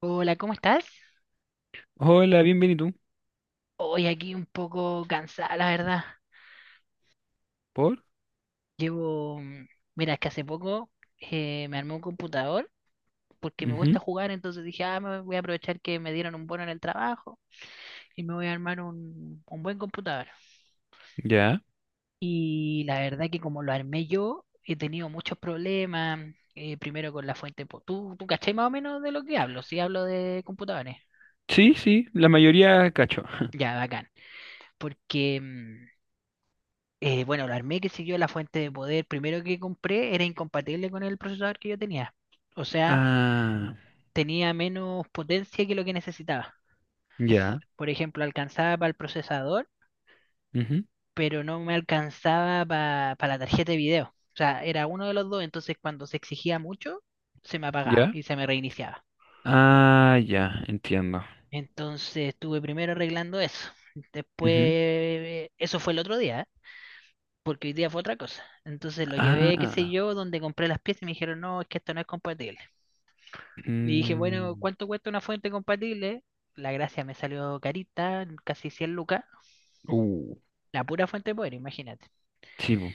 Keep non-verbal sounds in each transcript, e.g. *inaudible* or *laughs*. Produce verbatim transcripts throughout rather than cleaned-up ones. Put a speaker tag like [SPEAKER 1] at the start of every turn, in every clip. [SPEAKER 1] Hola, ¿cómo estás?
[SPEAKER 2] Hola, bienvenido.
[SPEAKER 1] Hoy aquí un poco cansada, la verdad.
[SPEAKER 2] ¿Por?
[SPEAKER 1] Llevo, mm, mira, es que hace poco eh, me armé un computador porque me gusta
[SPEAKER 2] Ujú.
[SPEAKER 1] jugar, entonces dije, ah, me voy a aprovechar que me dieron un bono en el trabajo y me voy a armar un, un buen computador.
[SPEAKER 2] Ya.
[SPEAKER 1] Y la verdad que como lo armé yo, he tenido muchos problemas, eh, primero con la fuente, po- ¿tú, tú cachai más o menos de lo que hablo? Sí, hablo de computadores.
[SPEAKER 2] Sí, sí, la mayoría cacho. *laughs*
[SPEAKER 1] Ya, bacán. Porque... mm, Eh, bueno, lo armé que siguió la fuente de poder primero que compré era incompatible con el procesador que yo tenía. O sea,
[SPEAKER 2] Ah,
[SPEAKER 1] tenía menos potencia que lo que necesitaba.
[SPEAKER 2] ya.
[SPEAKER 1] Por ejemplo, alcanzaba para el procesador,
[SPEAKER 2] Ujú.
[SPEAKER 1] pero no me alcanzaba para la tarjeta de video. O sea, era uno de los dos, entonces cuando se exigía mucho, se me apagaba
[SPEAKER 2] Ya.
[SPEAKER 1] y se me reiniciaba.
[SPEAKER 2] Ah, ya, entiendo.
[SPEAKER 1] Entonces estuve primero arreglando eso.
[SPEAKER 2] Ujú.
[SPEAKER 1] Después, eso fue el otro día, ¿eh? Porque hoy día fue otra cosa. Entonces lo llevé, qué sé
[SPEAKER 2] Ah.
[SPEAKER 1] yo, donde compré las piezas y me dijeron, no, es que esto no es compatible. Le dije, bueno,
[SPEAKER 2] Mm.
[SPEAKER 1] ¿cuánto cuesta una fuente compatible? La gracia me salió carita, casi cien lucas.
[SPEAKER 2] Uh.
[SPEAKER 1] La pura fuente de poder, imagínate.
[SPEAKER 2] Sí. Bu.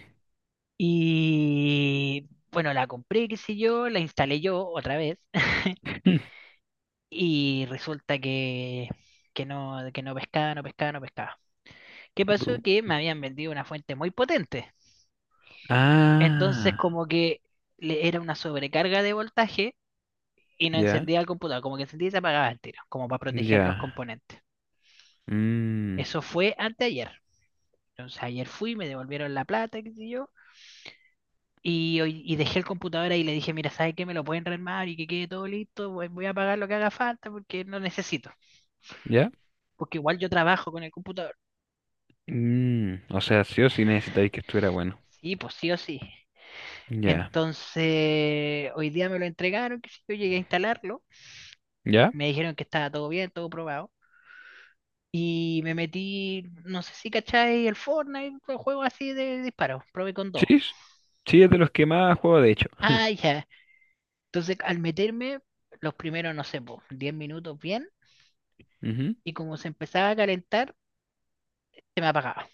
[SPEAKER 1] Y bueno, la compré, qué sé yo, la instalé yo otra vez. *laughs*
[SPEAKER 2] *laughs*
[SPEAKER 1] Y resulta que, que no, que no pescaba, no pescaba, no pescaba. ¿Qué pasó?
[SPEAKER 2] Bu.
[SPEAKER 1] Que me habían vendido una fuente muy potente. Entonces,
[SPEAKER 2] Ah,
[SPEAKER 1] como que le era una sobrecarga de voltaje y no
[SPEAKER 2] ya,
[SPEAKER 1] encendía el computador. Como que encendía y se apagaba el tiro, como para proteger los
[SPEAKER 2] ya.
[SPEAKER 1] componentes.
[SPEAKER 2] Mm.
[SPEAKER 1] Eso fue anteayer. Entonces ayer fui, me devolvieron la plata, qué sé yo, y, hoy- y dejé el computador ahí y le dije, mira, ¿sabes qué? Me lo pueden rearmar y que quede todo listo, voy, voy a pagar lo que haga falta porque no necesito,
[SPEAKER 2] Ya.
[SPEAKER 1] porque igual yo trabajo con el computador.
[SPEAKER 2] Mm, o sea, sí o sí necesitáis que estuviera bueno.
[SPEAKER 1] Sí, pues sí o sí.
[SPEAKER 2] Ya.
[SPEAKER 1] Entonces, hoy día me lo entregaron, que yo llegué a instalarlo,
[SPEAKER 2] ¿Ya?
[SPEAKER 1] me dijeron que estaba todo bien, todo probado, y me metí, no sé si cacháis el Fortnite, un juego así de disparos, probé con
[SPEAKER 2] Sí,
[SPEAKER 1] dos.
[SPEAKER 2] s- sí, es de los que más juego, de hecho. *laughs*
[SPEAKER 1] Ah, ya. Entonces, al meterme, los primeros, no sé, pues, diez minutos bien
[SPEAKER 2] Ujú.
[SPEAKER 1] y como se empezaba a calentar, se me apagaba.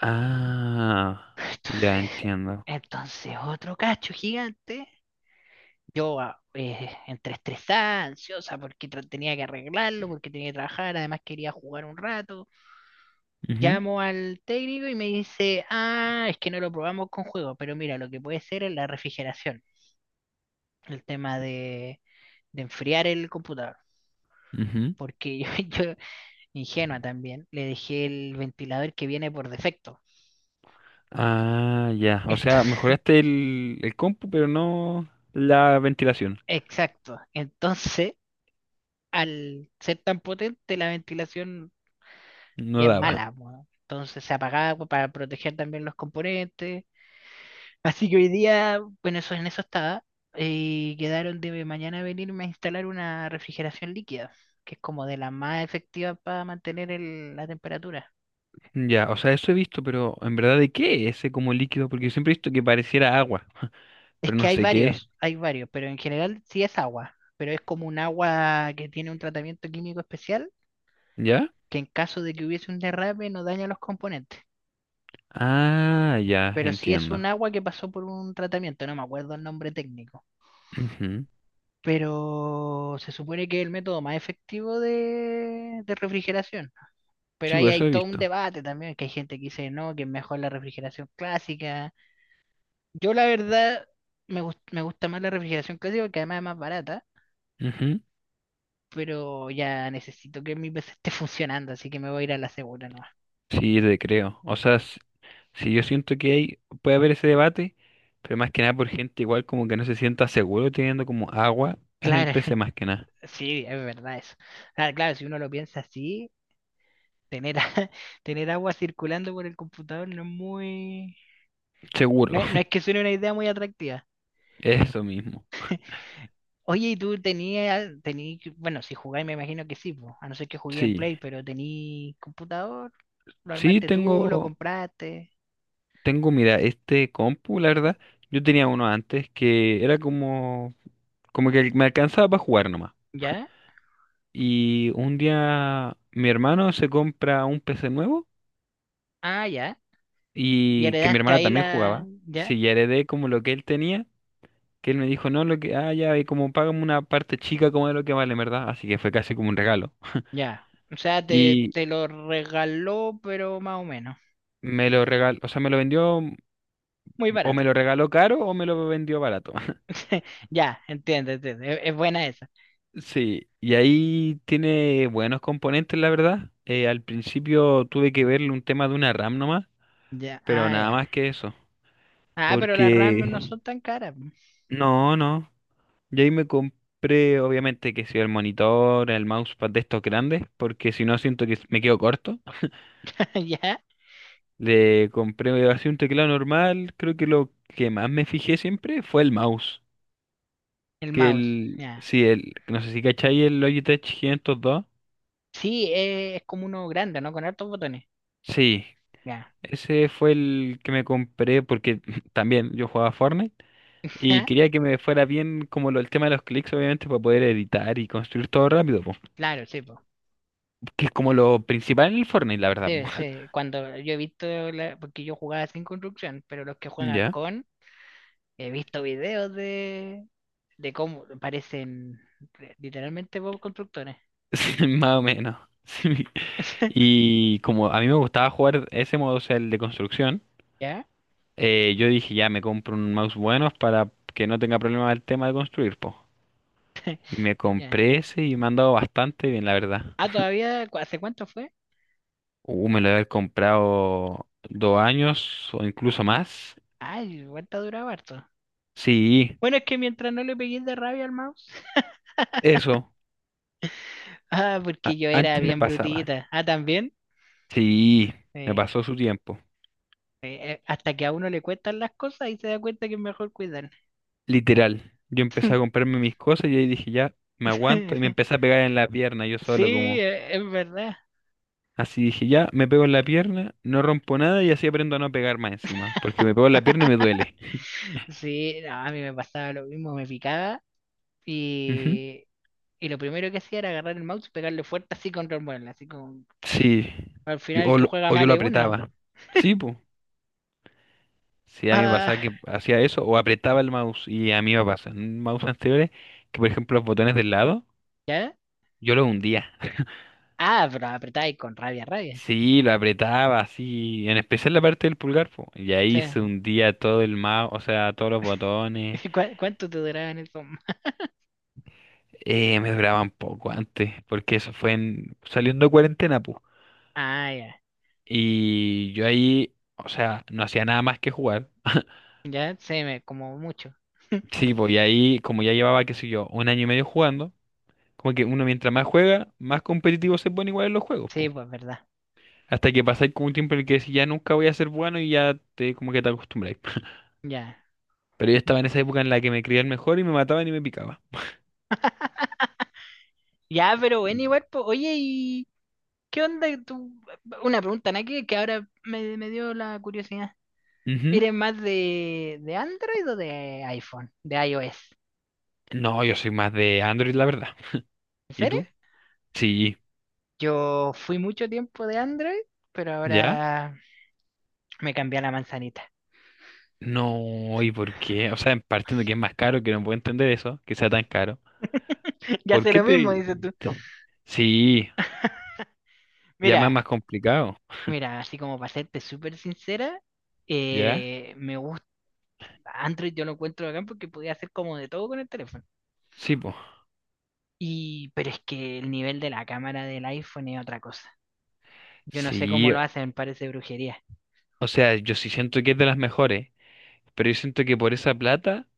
[SPEAKER 2] Ah,
[SPEAKER 1] *laughs*
[SPEAKER 2] ya
[SPEAKER 1] Entonces,
[SPEAKER 2] entiendo.
[SPEAKER 1] entonces otro cacho gigante. Yo ah, eh, entre estresada, ansiosa, porque tra- tenía que arreglarlo, porque tenía que trabajar, además quería jugar un rato.
[SPEAKER 2] Ujú.
[SPEAKER 1] Llamo al técnico y me dice, ah, es que no lo probamos con juego, pero mira, lo que puede ser es la refrigeración, el tema de, de enfriar el computador.
[SPEAKER 2] Ujú.
[SPEAKER 1] Porque *laughs* yo, yo, ingenua también, le dejé el ventilador que viene por defecto.
[SPEAKER 2] Ah, ya. O sea,
[SPEAKER 1] Entonces,
[SPEAKER 2] mejoraste el, el compu, pero no la ventilación.
[SPEAKER 1] exacto. Entonces, *laughs* al ser tan potente, la ventilación
[SPEAKER 2] No
[SPEAKER 1] bien
[SPEAKER 2] daba.
[SPEAKER 1] mala, weón. Entonces se apagaba pues, para proteger también los componentes. *laughs* Así que hoy día, bueno, eso en eso estaba. Y quedaron de mañana venirme a instalar una refrigeración líquida, que es como de la más efectiva para mantener el- la temperatura.
[SPEAKER 2] Ya, o sea, eso he visto, pero en verdad, ¿de qué es ese como líquido? Porque siempre he visto que pareciera agua,
[SPEAKER 1] Es
[SPEAKER 2] pero
[SPEAKER 1] que
[SPEAKER 2] no
[SPEAKER 1] hay
[SPEAKER 2] sé qué es.
[SPEAKER 1] varios, hay varios, pero en general sí es agua, pero es como un agua que tiene un tratamiento químico especial
[SPEAKER 2] ¿Ya?
[SPEAKER 1] que en caso de que hubiese un derrame no daña los componentes.
[SPEAKER 2] Ah, ya,
[SPEAKER 1] Pero sí es
[SPEAKER 2] entiendo.
[SPEAKER 1] un agua que pasó por un tratamiento, no me acuerdo el nombre técnico.
[SPEAKER 2] Ujú.
[SPEAKER 1] Pero se supone que es el método más efectivo de, de refrigeración. Pero
[SPEAKER 2] Sí,
[SPEAKER 1] ahí
[SPEAKER 2] pues
[SPEAKER 1] hay
[SPEAKER 2] eso he
[SPEAKER 1] todo un
[SPEAKER 2] visto.
[SPEAKER 1] debate también, que hay gente que dice no, que es mejor la refrigeración clásica. Yo la verdad me, gust- me gusta más la refrigeración clásica porque además es más barata,
[SPEAKER 2] Ujú.
[SPEAKER 1] pero ya necesito que mi P C esté funcionando, así que me voy a ir a la segura nomás.
[SPEAKER 2] Sí, te creo. O sea, s- sí, yo siento que hay, puede haber ese debate, pero más que nada por gente igual como que no se sienta seguro teniendo como agua en el
[SPEAKER 1] Claro,
[SPEAKER 2] P C, más que nada.
[SPEAKER 1] *laughs* sí, es verdad eso. Ah, claro, si uno lo piensa así, tener, a- *laughs* tener agua circulando por el computador no es muy... No
[SPEAKER 2] Seguro.
[SPEAKER 1] es, no es que suene una idea muy atractiva.
[SPEAKER 2] Eso mismo.
[SPEAKER 1] Oye, ¿y tú tenías, tení, bueno, si jugáis me imagino que sí, po, a no ser que jugué en
[SPEAKER 2] Sí,
[SPEAKER 1] Play, pero tení computador, lo
[SPEAKER 2] sí
[SPEAKER 1] armaste tú, lo
[SPEAKER 2] tengo,
[SPEAKER 1] compraste,
[SPEAKER 2] tengo, mira, este compu, la verdad, yo tenía uno antes que era como, como que me alcanzaba para jugar nomás.
[SPEAKER 1] ¿ya?
[SPEAKER 2] Y un día mi hermano se compra un P C nuevo
[SPEAKER 1] Ah, ya. Y
[SPEAKER 2] y que mi
[SPEAKER 1] heredaste
[SPEAKER 2] hermano
[SPEAKER 1] ahí
[SPEAKER 2] también
[SPEAKER 1] la...
[SPEAKER 2] jugaba.
[SPEAKER 1] ¿Ya?
[SPEAKER 2] Sí, ya heredé como lo que él tenía, que él me dijo, no, lo que, ah, ya, y como págame una parte chica como de lo que vale, en ¿verdad? Así que fue casi como un regalo.
[SPEAKER 1] Ya. O sea, te,
[SPEAKER 2] Y
[SPEAKER 1] te lo regaló, pero más o menos.
[SPEAKER 2] me lo regaló, o sea, me lo vendió,
[SPEAKER 1] Muy
[SPEAKER 2] o me
[SPEAKER 1] barato.
[SPEAKER 2] lo regaló caro o me lo vendió barato.
[SPEAKER 1] Ya, entiendo, entiendo. Es, es buena esa.
[SPEAKER 2] Sí, y ahí tiene buenos componentes, la verdad. Eh, al principio tuve que verle un tema de una RAM nomás,
[SPEAKER 1] Ya,
[SPEAKER 2] pero
[SPEAKER 1] ah,
[SPEAKER 2] nada
[SPEAKER 1] ya.
[SPEAKER 2] más que eso.
[SPEAKER 1] Ah, pero las RAM no
[SPEAKER 2] Porque
[SPEAKER 1] son tan caras.
[SPEAKER 2] no, no. Y ahí me compré, obviamente, que si el monitor, el mousepad de estos grandes, porque si no siento que me quedo corto.
[SPEAKER 1] *laughs* Ya.
[SPEAKER 2] Le compré así un teclado normal. Creo que lo que más me fijé siempre fue el mouse.
[SPEAKER 1] El
[SPEAKER 2] Que
[SPEAKER 1] mouse,
[SPEAKER 2] el,
[SPEAKER 1] ya.
[SPEAKER 2] sí, el, no sé si cacháis el Logitech quinientos dos.
[SPEAKER 1] Sí, eh, es como uno grande, ¿no? Con hartos botones.
[SPEAKER 2] Sí.
[SPEAKER 1] Ya.
[SPEAKER 2] Ese fue el que me compré porque *laughs* también yo jugaba Fortnite y
[SPEAKER 1] *laughs*
[SPEAKER 2] quería que me fuera bien como lo- el tema de los clics, obviamente, para poder editar y construir todo rápido, po,
[SPEAKER 1] Claro, sí, po.
[SPEAKER 2] que es como lo principal en el Fortnite, la verdad.
[SPEAKER 1] Sí,
[SPEAKER 2] Po.
[SPEAKER 1] sí. Cuando yo he visto, la- porque yo jugaba sin construcción, pero los que
[SPEAKER 2] *laughs*
[SPEAKER 1] juegan
[SPEAKER 2] ¿Ya? *laughs*
[SPEAKER 1] con, he visto videos de, de cómo parecen re- literalmente Bob constructores.
[SPEAKER 2] Sí, más o menos. *laughs* Sí.
[SPEAKER 1] *laughs*
[SPEAKER 2] Y como a mí me gustaba jugar ese modo, o sea, el de construcción,
[SPEAKER 1] ¿Ya?
[SPEAKER 2] eh, yo dije, ya me compro un mouse bueno para que no tenga problema el tema de construir, po. Y me
[SPEAKER 1] Ya.
[SPEAKER 2] compré ese y me han dado bastante bien, la verdad.
[SPEAKER 1] Ah, todavía, ¿cu- ¿hace cuánto fue?
[SPEAKER 2] Uh, me lo haber comprado dos años o incluso más.
[SPEAKER 1] Ay, cuánto duraba harto.
[SPEAKER 2] Sí,
[SPEAKER 1] Bueno, es que mientras no le pegué de rabia al mouse. *laughs*
[SPEAKER 2] eso.
[SPEAKER 1] Ah,
[SPEAKER 2] A-
[SPEAKER 1] porque yo era
[SPEAKER 2] antes me
[SPEAKER 1] bien
[SPEAKER 2] pasaba.
[SPEAKER 1] brutita. Ah, también.
[SPEAKER 2] Sí, me
[SPEAKER 1] Sí.
[SPEAKER 2] pasó su tiempo.
[SPEAKER 1] Eh, eh, hasta que a uno le cuentan las cosas y se da cuenta que es mejor cuidar.
[SPEAKER 2] Literal. Yo empecé a comprarme mis cosas y ahí dije, ya, me aguanto. Y me
[SPEAKER 1] *laughs*
[SPEAKER 2] empecé a pegar en la pierna yo solo,
[SPEAKER 1] Sí,
[SPEAKER 2] como.
[SPEAKER 1] eh, es verdad.
[SPEAKER 2] Así dije, ya, me pego en la pierna, no rompo nada y así aprendo a no pegar más encima. Porque me pego en la pierna y me
[SPEAKER 1] *laughs*
[SPEAKER 2] duele.
[SPEAKER 1] Sí, no, a mí me pasaba lo mismo, me picaba
[SPEAKER 2] Ujú.
[SPEAKER 1] y, y lo primero que hacía era agarrar el mouse y pegarle fuerte así contra el mueble, así como
[SPEAKER 2] Sí.
[SPEAKER 1] al
[SPEAKER 2] Yo,
[SPEAKER 1] final el
[SPEAKER 2] o,
[SPEAKER 1] que
[SPEAKER 2] lo-
[SPEAKER 1] juega
[SPEAKER 2] o yo
[SPEAKER 1] mal
[SPEAKER 2] lo
[SPEAKER 1] es una.
[SPEAKER 2] apretaba. Sí, pues. Sí, a mí me
[SPEAKER 1] Ah,
[SPEAKER 2] pasaba que
[SPEAKER 1] *laughs*
[SPEAKER 2] hacía eso o apretaba el mouse y a mí me pasa. En mouse anteriores, que por ejemplo los botones del lado,
[SPEAKER 1] ¿ya?
[SPEAKER 2] yo los hundía.
[SPEAKER 1] Ah, pero apretáis con rabia, rabia.
[SPEAKER 2] Sí, lo apretaba así, en especial la parte del pulgar, po, y ahí
[SPEAKER 1] Sí.
[SPEAKER 2] se hundía todo el mouse, o sea, todos los botones.
[SPEAKER 1] *laughs* cuá- ¿cuánto te duraban eso? *laughs*
[SPEAKER 2] Eh, me duraban poco antes, porque eso fue en, saliendo de cuarentena, pues.
[SPEAKER 1] Ah, ya.
[SPEAKER 2] Y yo ahí, o sea, no hacía nada más que jugar.
[SPEAKER 1] Ya, sí, me, como mucho. *laughs*
[SPEAKER 2] Sí, pues y ahí, como ya llevaba, qué sé yo, un año y medio jugando, como que uno mientras más juega, más competitivo se pone igual en los juegos,
[SPEAKER 1] Sí,
[SPEAKER 2] pues.
[SPEAKER 1] pues verdad.
[SPEAKER 2] Hasta que pasáis como un tiempo en el que decís, ya nunca voy a ser bueno y ya te como que te acostumbráis. *laughs*
[SPEAKER 1] Ya.
[SPEAKER 2] Pero yo estaba en esa época en la que me creía el mejor y me mataban y me picaba.
[SPEAKER 1] Ya, pero bueno, igual, po. Oye, ¿y qué onda tú? Una pregunta, ¿no? Que, que ahora me, me dio la curiosidad.
[SPEAKER 2] Ujú.
[SPEAKER 1] ¿Eres más de, de Android o de iPhone? De iOS.
[SPEAKER 2] No, yo soy más de Android, la verdad.
[SPEAKER 1] ¿En
[SPEAKER 2] ¿Y
[SPEAKER 1] serio?
[SPEAKER 2] tú? Sí.
[SPEAKER 1] Yo fui mucho tiempo de Android, pero
[SPEAKER 2] ¿Ya?
[SPEAKER 1] ahora me cambié a la manzanita.
[SPEAKER 2] No, ¿y por qué? O sea, partiendo que es más caro, que no puedo entender eso, que sea tan caro.
[SPEAKER 1] *laughs* Ya
[SPEAKER 2] ¿Por
[SPEAKER 1] sé
[SPEAKER 2] qué
[SPEAKER 1] lo mismo,
[SPEAKER 2] te...?
[SPEAKER 1] dices tú.
[SPEAKER 2] ¿Cambiaste? Sí, ya más
[SPEAKER 1] Mira,
[SPEAKER 2] más complicado.
[SPEAKER 1] mira, así como para serte súper sincera,
[SPEAKER 2] ¿Ya?
[SPEAKER 1] eh, me gusta. Android yo lo encuentro acá porque podía hacer como de todo con el teléfono.
[SPEAKER 2] Sí, pues.
[SPEAKER 1] Y, pero es que el nivel de la cámara del iPhone es otra cosa. Yo no sé cómo
[SPEAKER 2] Sí,
[SPEAKER 1] lo hacen, parece brujería.
[SPEAKER 2] o sea, yo sí siento que es de las mejores, pero yo siento que por esa plata...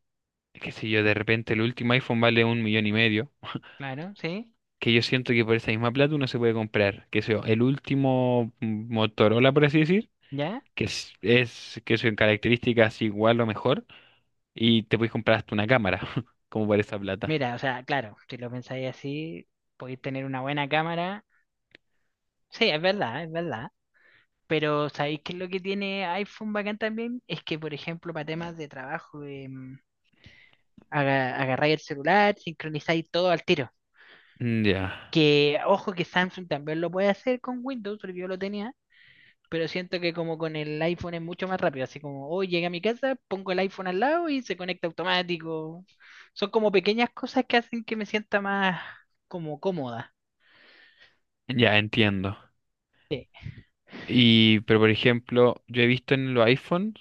[SPEAKER 2] Qué sé yo, de repente el último iPhone vale un millón y medio,
[SPEAKER 1] Claro, sí,
[SPEAKER 2] que yo siento que por esa misma plata uno se puede comprar, qué sé yo, el último Motorola, por así decir,
[SPEAKER 1] ya.
[SPEAKER 2] que es, es que son características igual o mejor, y te puedes comprar hasta una cámara, *laughs* como por esa plata.
[SPEAKER 1] Mira, o sea, claro, si lo pensáis así, podéis tener una buena cámara. Sí, es verdad, es verdad. Pero ¿sabéis qué es lo que tiene iPhone bacán también? Es que, por ejemplo, para temas de trabajo, em, aga- agarráis el celular, sincronizáis todo al tiro.
[SPEAKER 2] Mm. Ya.
[SPEAKER 1] Que, ojo, que Samsung también lo puede hacer con Windows, porque yo lo tenía pero siento que como con el iPhone es mucho más rápido, así como hoy llegué a mi casa, pongo el iPhone al lado y se conecta automático. Son como pequeñas cosas que hacen que me sienta más como cómoda.
[SPEAKER 2] Ya entiendo. Y, pero por ejemplo, yo he visto en los iPhones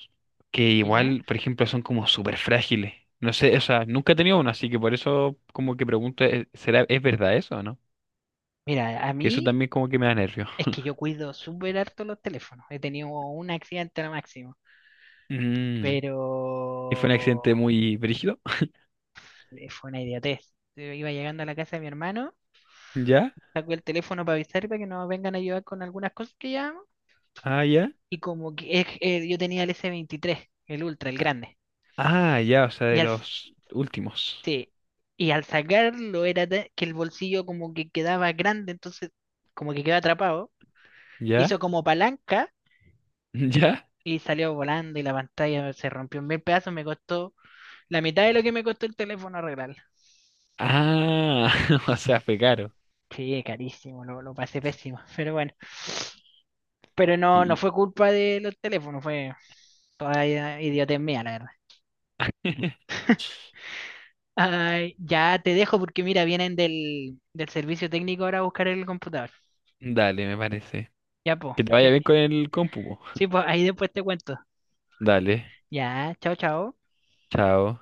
[SPEAKER 2] que
[SPEAKER 1] ¿Ya?
[SPEAKER 2] igual, por ejemplo, son como súper frágiles. No sé, o sea, nunca he tenido uno, así que por eso como que pregunto, eh, ¿será, es verdad eso o no?
[SPEAKER 1] Mira, a
[SPEAKER 2] Que eso
[SPEAKER 1] mí
[SPEAKER 2] también como que me da nervios.
[SPEAKER 1] es que yo cuido súper harto los teléfonos. He tenido un accidente al máximo,
[SPEAKER 2] Mm.
[SPEAKER 1] pero
[SPEAKER 2] Y fue un accidente muy brígido. *laughs*
[SPEAKER 1] eh, fue una idiotez. Yo iba llegando a la casa de mi hermano,
[SPEAKER 2] ¿Ya?
[SPEAKER 1] sacó el teléfono para avisar para que nos vengan a ayudar con algunas cosas que llevamos.
[SPEAKER 2] Ah, ya.
[SPEAKER 1] Y como que eh, eh, yo tenía el S veintitrés, el Ultra, el grande.
[SPEAKER 2] Ah, ya, o sea,
[SPEAKER 1] Y
[SPEAKER 2] de
[SPEAKER 1] al
[SPEAKER 2] los últimos.
[SPEAKER 1] sí, y al sacarlo era de- que el bolsillo como que quedaba grande, entonces como que quedaba atrapado.
[SPEAKER 2] ¿Ya?
[SPEAKER 1] Hizo como palanca
[SPEAKER 2] *laughs* ¿Ya?
[SPEAKER 1] y salió volando y la pantalla se rompió en mil pedazos, me costó la mitad de lo que me costó el teléfono arreglarlo.
[SPEAKER 2] Ah, *laughs* o sea, fue caro.
[SPEAKER 1] Sí, carísimo, lo, lo pasé pésimo, *laughs* pero bueno. Pero no, no
[SPEAKER 2] Y...
[SPEAKER 1] fue culpa de los teléfonos, fue toda i- idiotez mía, la verdad.
[SPEAKER 2] y- *laughs*
[SPEAKER 1] Ay, ya te dejo porque mira, vienen del, del servicio técnico ahora a buscar el computador.
[SPEAKER 2] Dale, me parece.
[SPEAKER 1] Ya, pues,
[SPEAKER 2] Que te vaya
[SPEAKER 1] que
[SPEAKER 2] bien con el compu. Po.
[SPEAKER 1] sí, pues ahí después te cuento.
[SPEAKER 2] Dale.
[SPEAKER 1] Dạ, chào cháu.
[SPEAKER 2] Chao.